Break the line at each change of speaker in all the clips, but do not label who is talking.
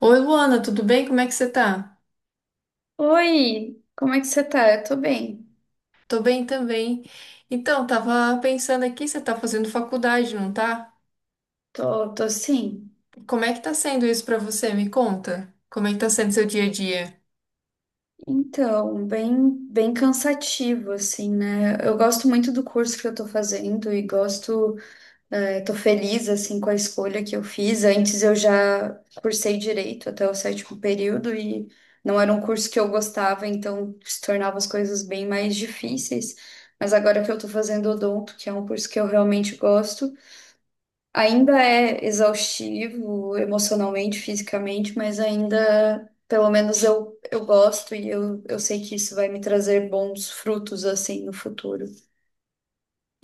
Oi, Luana, tudo bem? Como é que você tá?
Oi, como é que você tá? Eu tô bem.
Tô bem também. Então, tava pensando aqui, você tá fazendo faculdade, não tá?
Tô, tô sim.
Como é que tá sendo isso pra você? Me conta. Como é que tá sendo seu dia a dia?
Então, bem, bem cansativo, assim, né? Eu gosto muito do curso que eu tô fazendo e gosto, tô feliz, assim, com a escolha que eu fiz. Antes eu já cursei direito até o sétimo período e não era um curso que eu gostava, então se tornava as coisas bem mais difíceis. Mas agora que eu tô fazendo odonto, que é um curso que eu realmente gosto, ainda é exaustivo emocionalmente, fisicamente, mas ainda, pelo menos eu gosto e eu sei que isso vai me trazer bons frutos assim no futuro.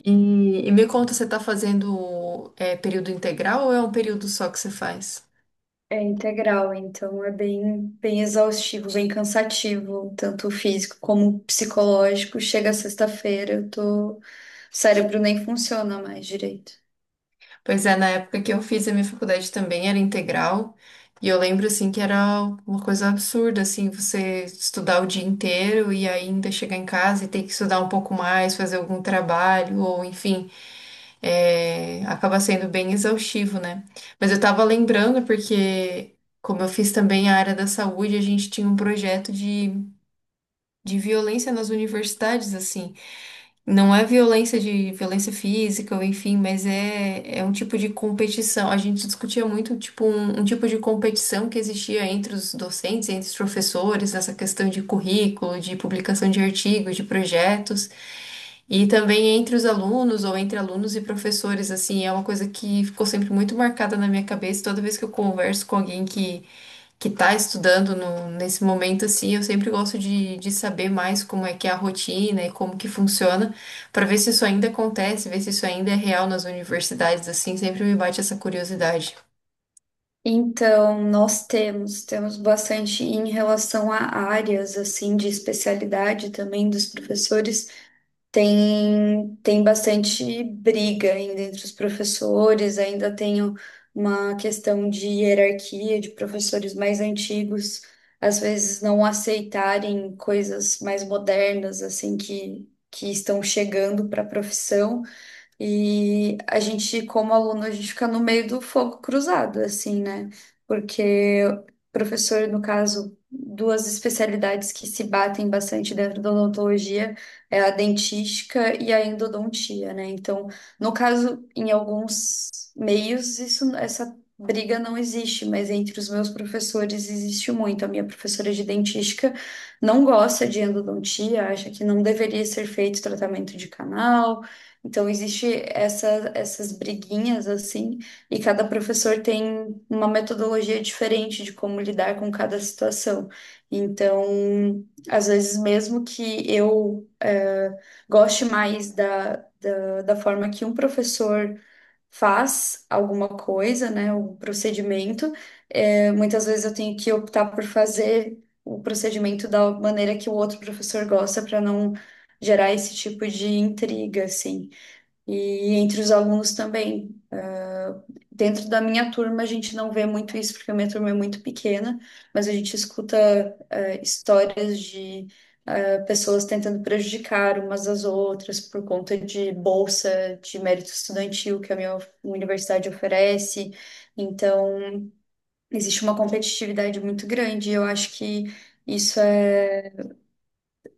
E, e me conta, você tá fazendo período integral ou é um período só que você faz?
É integral, então é bem, bem exaustivo, bem cansativo, tanto físico como psicológico. Chega sexta-feira, eu tô, o cérebro nem funciona mais direito.
Pois é, na época que eu fiz a minha faculdade também era integral. E eu lembro, assim, que era uma coisa absurda, assim, você estudar o dia inteiro e ainda chegar em casa e ter que estudar um pouco mais, fazer algum trabalho, ou enfim. Acaba sendo bem exaustivo, né? Mas eu tava lembrando porque, como eu fiz também a área da saúde, a gente tinha um projeto de violência nas universidades, assim. Não é violência de violência física ou enfim, mas é um tipo de competição. A gente discutia muito tipo um tipo de competição que existia entre os docentes, entre os professores, nessa questão de currículo, de publicação de artigos, de projetos, e também entre os alunos ou entre alunos e professores, assim, é uma coisa que ficou sempre muito marcada na minha cabeça. Toda vez que eu converso com alguém que está estudando nesse momento, assim, eu sempre gosto de saber mais como é que é a rotina e como que funciona, para ver se isso ainda acontece, ver se isso ainda é real nas universidades, assim, sempre me bate essa curiosidade.
Então, nós temos bastante em relação a áreas assim de especialidade também dos professores. Tem bastante briga ainda entre os professores, ainda uma questão de hierarquia de professores mais antigos, às vezes não aceitarem coisas mais modernas assim que estão chegando para a profissão. E a gente, como aluno, a gente fica no meio do fogo cruzado, assim, né? Porque o professor, no caso, duas especialidades que se batem bastante dentro da odontologia é a dentística e a endodontia, né? Então, no caso, em alguns meios, isso, essa briga não existe, mas entre os meus professores existe muito. A minha professora de dentística não gosta de endodontia, acha que não deveria ser feito tratamento de canal. Então existe essa, essas briguinhas assim, e cada professor tem uma metodologia diferente de como lidar com cada situação. Então, às vezes mesmo que eu goste mais da, da forma que um professor faz alguma coisa, né, um procedimento, muitas vezes eu tenho que optar por fazer o procedimento da maneira que o outro professor gosta para não gerar esse tipo de intriga, assim e entre os alunos também. Dentro da minha turma, a gente não vê muito isso, porque a minha turma é muito pequena, mas a gente escuta histórias de pessoas tentando prejudicar umas às outras por conta de bolsa de mérito estudantil que a minha universidade oferece. Então, existe uma competitividade muito grande, e eu acho que isso é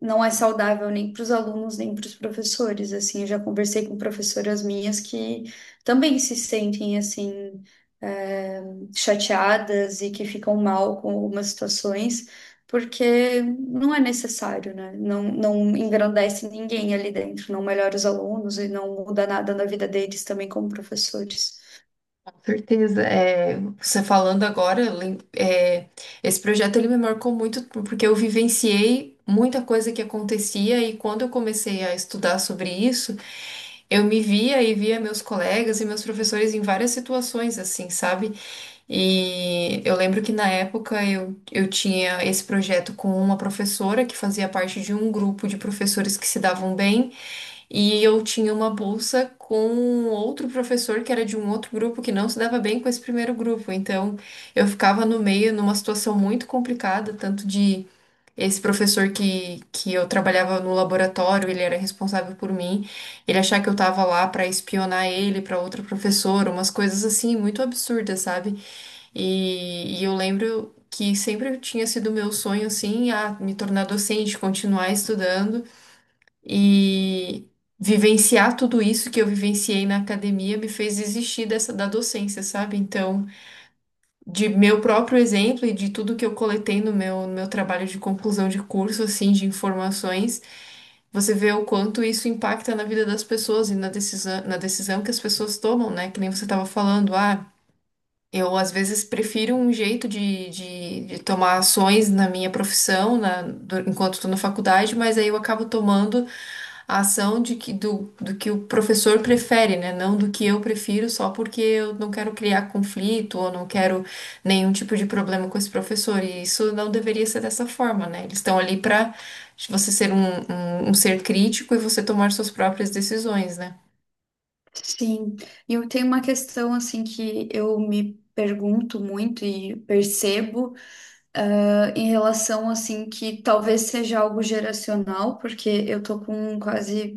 não é saudável nem para os alunos, nem para os professores, assim, eu já conversei com professoras minhas que também se sentem, assim, eh, chateadas e que ficam mal com algumas situações, porque não é necessário, né? Não, não engrandece ninguém ali dentro, não melhora os alunos e não muda nada na vida deles também como professores.
Com certeza. É, você falando agora, esse projeto ele me marcou muito porque eu vivenciei muita coisa que acontecia e quando eu comecei a estudar sobre isso, eu me via e via meus colegas e meus professores em várias situações, assim, sabe? E eu lembro que na época eu tinha esse projeto com uma professora que fazia parte de um grupo de professores que se davam bem, e eu tinha uma bolsa com outro professor que era de um outro grupo que não se dava bem com esse primeiro grupo. Então eu ficava no meio numa situação muito complicada, tanto de esse professor que eu trabalhava no laboratório, ele era responsável por mim, ele achar que eu tava lá pra espionar ele, pra outra professora, umas coisas assim muito absurdas, sabe? E eu lembro que sempre tinha sido meu sonho, assim, a me tornar docente, continuar estudando e vivenciar tudo isso que eu vivenciei na academia me fez desistir dessa da docência, sabe? Então, de meu próprio exemplo e de tudo que eu coletei no meu trabalho de conclusão de curso, assim, de informações, você vê o quanto isso impacta na vida das pessoas e na decisão que as pessoas tomam, né? Que nem você estava falando, ah. Eu, às vezes, prefiro um jeito de tomar ações na minha profissão, enquanto estou na faculdade, mas aí eu acabo tomando a ação do que o professor prefere, né? Não do que eu prefiro, só porque eu não quero criar conflito ou não quero nenhum tipo de problema com esse professor. E isso não deveria ser dessa forma, né? Eles estão ali para você ser um ser crítico e você tomar suas próprias decisões, né?
Sim, e eu tenho uma questão assim que eu me pergunto muito e percebo, em relação assim que talvez seja algo geracional, porque eu tô com quase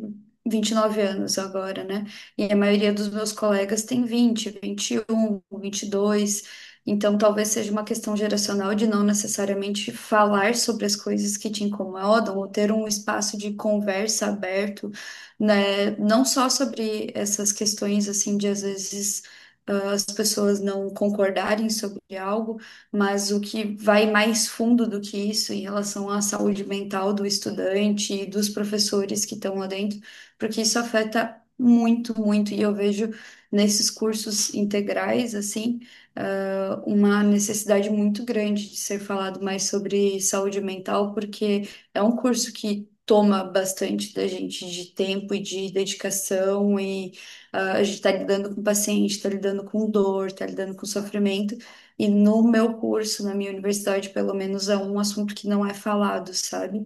29 anos agora, né? E a maioria dos meus colegas tem 20, 21, 22 Então talvez seja uma questão geracional de não necessariamente falar sobre as coisas que te incomodam ou ter um espaço de conversa aberto, né? Não só sobre essas questões assim de às vezes as pessoas não concordarem sobre algo, mas o que vai mais fundo do que isso em relação à saúde mental do estudante e dos professores que estão lá dentro, porque isso afeta muito, muito, e eu vejo nesses cursos integrais, assim, uma necessidade muito grande de ser falado mais sobre saúde mental, porque é um curso que toma bastante da gente de tempo e de dedicação e a gente está lidando com paciente, está lidando com dor, está lidando com sofrimento. E no meu curso, na minha universidade, pelo menos é um assunto que não é falado, sabe?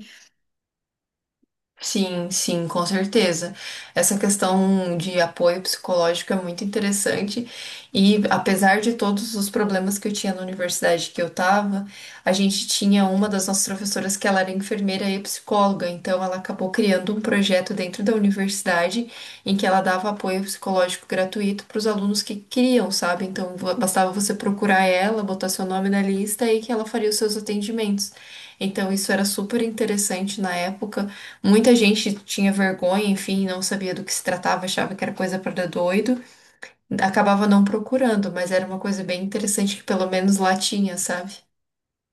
Sim, sim, com certeza. Essa questão de apoio psicológico é muito interessante e, apesar de todos os problemas que eu tinha na universidade que eu estava, a gente tinha uma das nossas professoras que ela era enfermeira e psicóloga, então ela acabou criando um projeto dentro da universidade em que ela dava apoio psicológico gratuito para os alunos que queriam, sabe? Então Bastava você procurar ela, botar seu nome na lista, e que ela faria os seus atendimentos. Então isso era super interessante na época. Muita gente tinha vergonha, enfim, não sabia do que se tratava, achava que era coisa para doido, acabava não procurando, mas era uma coisa bem interessante que pelo menos lá tinha, sabe?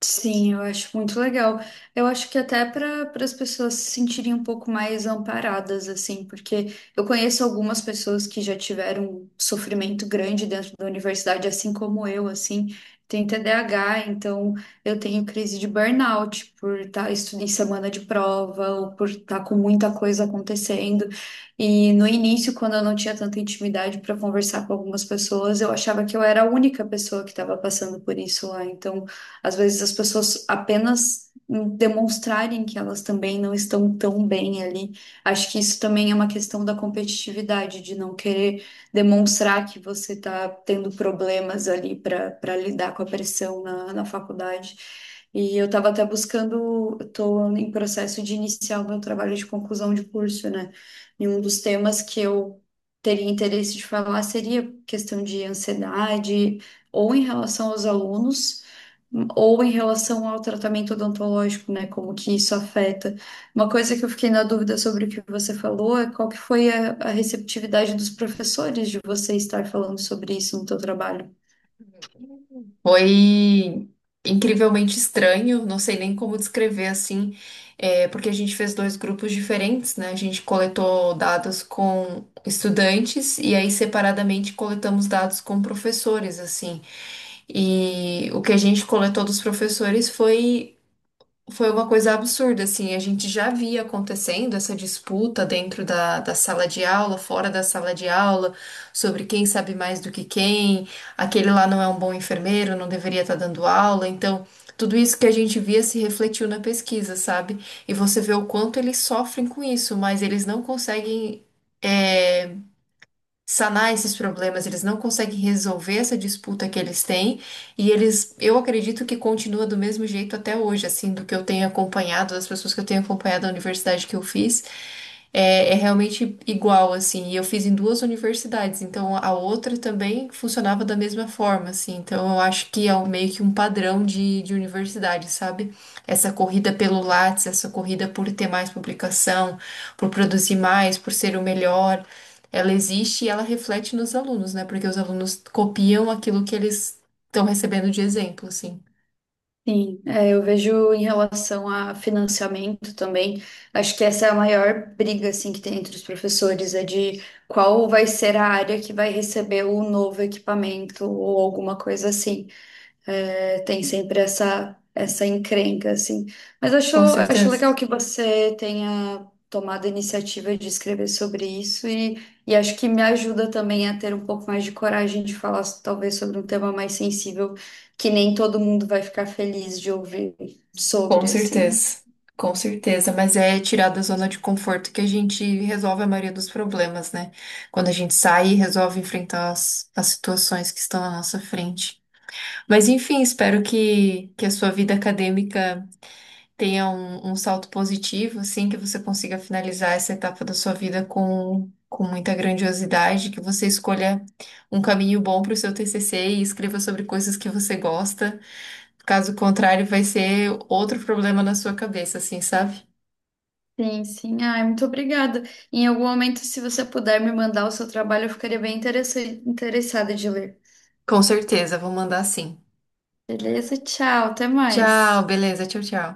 Sim, eu acho muito legal. Eu acho que até para as pessoas se sentirem um pouco mais amparadas, assim, porque eu conheço algumas pessoas que já tiveram um sofrimento grande dentro da universidade, assim como eu, assim, tenho TDAH, então eu tenho crise de burnout por estar estudando em semana de prova ou por estar com muita coisa acontecendo. E no início, quando eu não tinha tanta intimidade para conversar com algumas pessoas, eu achava que eu era a única pessoa que estava passando por isso lá. Então, às vezes as pessoas apenas demonstrarem que elas também não estão tão bem ali. Acho que isso também é uma questão da competitividade, de não querer demonstrar que você está tendo problemas ali para lidar com a pressão na, na faculdade. E eu estava até buscando, estou em processo de iniciar o meu trabalho de conclusão de curso, né? E um dos temas que eu teria interesse de falar seria questão de ansiedade, ou em relação aos alunos ou em relação ao tratamento odontológico, né? Como que isso afeta. Uma coisa que eu fiquei na dúvida sobre o que você falou é qual que foi a receptividade dos professores de você estar falando sobre isso no teu trabalho.
Foi incrivelmente estranho, não sei nem como descrever, assim, porque a gente fez dois grupos diferentes, né? A gente coletou dados com estudantes e aí separadamente coletamos dados com professores, assim. E o que a gente coletou dos professores foi uma coisa absurda, assim. A gente já via acontecendo essa disputa dentro da sala de aula, fora da sala de aula, sobre quem sabe mais do que quem, aquele lá não é um bom enfermeiro, não deveria estar dando aula. Então, tudo isso que a gente via se refletiu na pesquisa, sabe? E você vê o quanto eles sofrem com isso, mas eles não conseguem é, sanar esses problemas, eles não conseguem resolver essa disputa que eles têm, e eles, eu acredito que continua do mesmo jeito até hoje, assim, do que eu tenho acompanhado, das pessoas que eu tenho acompanhado da universidade que eu fiz. É realmente igual, assim, e eu fiz em duas universidades, então a outra também funcionava da mesma forma, assim, então eu acho que é meio que um padrão de universidade, sabe? Essa corrida pelo Lattes, essa corrida por ter mais publicação, por produzir mais, por ser o melhor, ela existe e ela reflete nos alunos, né? Porque os alunos copiam aquilo que eles estão recebendo de exemplo, assim.
Sim, é, eu vejo em relação a financiamento também, acho que essa é a maior briga assim que tem entre os professores, é de qual vai ser a área que vai receber o novo equipamento ou alguma coisa assim. É, tem sempre essa encrenca, assim. Mas
Com
acho
certeza.
legal que você tenha tomado a iniciativa de escrever sobre isso e acho que me ajuda também a ter um pouco mais de coragem de falar, so, talvez, sobre um tema mais sensível que nem todo mundo vai ficar feliz de ouvir
Com
sobre, assim.
certeza, com certeza, mas é tirar da zona de conforto que a gente resolve a maioria dos problemas, né? Quando a gente sai e resolve enfrentar as situações que estão à nossa frente. Mas enfim, espero que a sua vida acadêmica tenha um salto positivo, assim, que você consiga finalizar essa etapa da sua vida com muita grandiosidade, que você escolha um caminho bom para o seu TCC e escreva sobre coisas que você gosta. Caso contrário, vai ser outro problema na sua cabeça, assim, sabe?
Sim, sim. Ai, muito obrigada. Em algum momento, se você puder me mandar o seu trabalho, eu ficaria bem interessada de ler.
Com certeza, vou mandar sim.
Beleza? Tchau, até
Tchau,
mais.
beleza, tchau, tchau.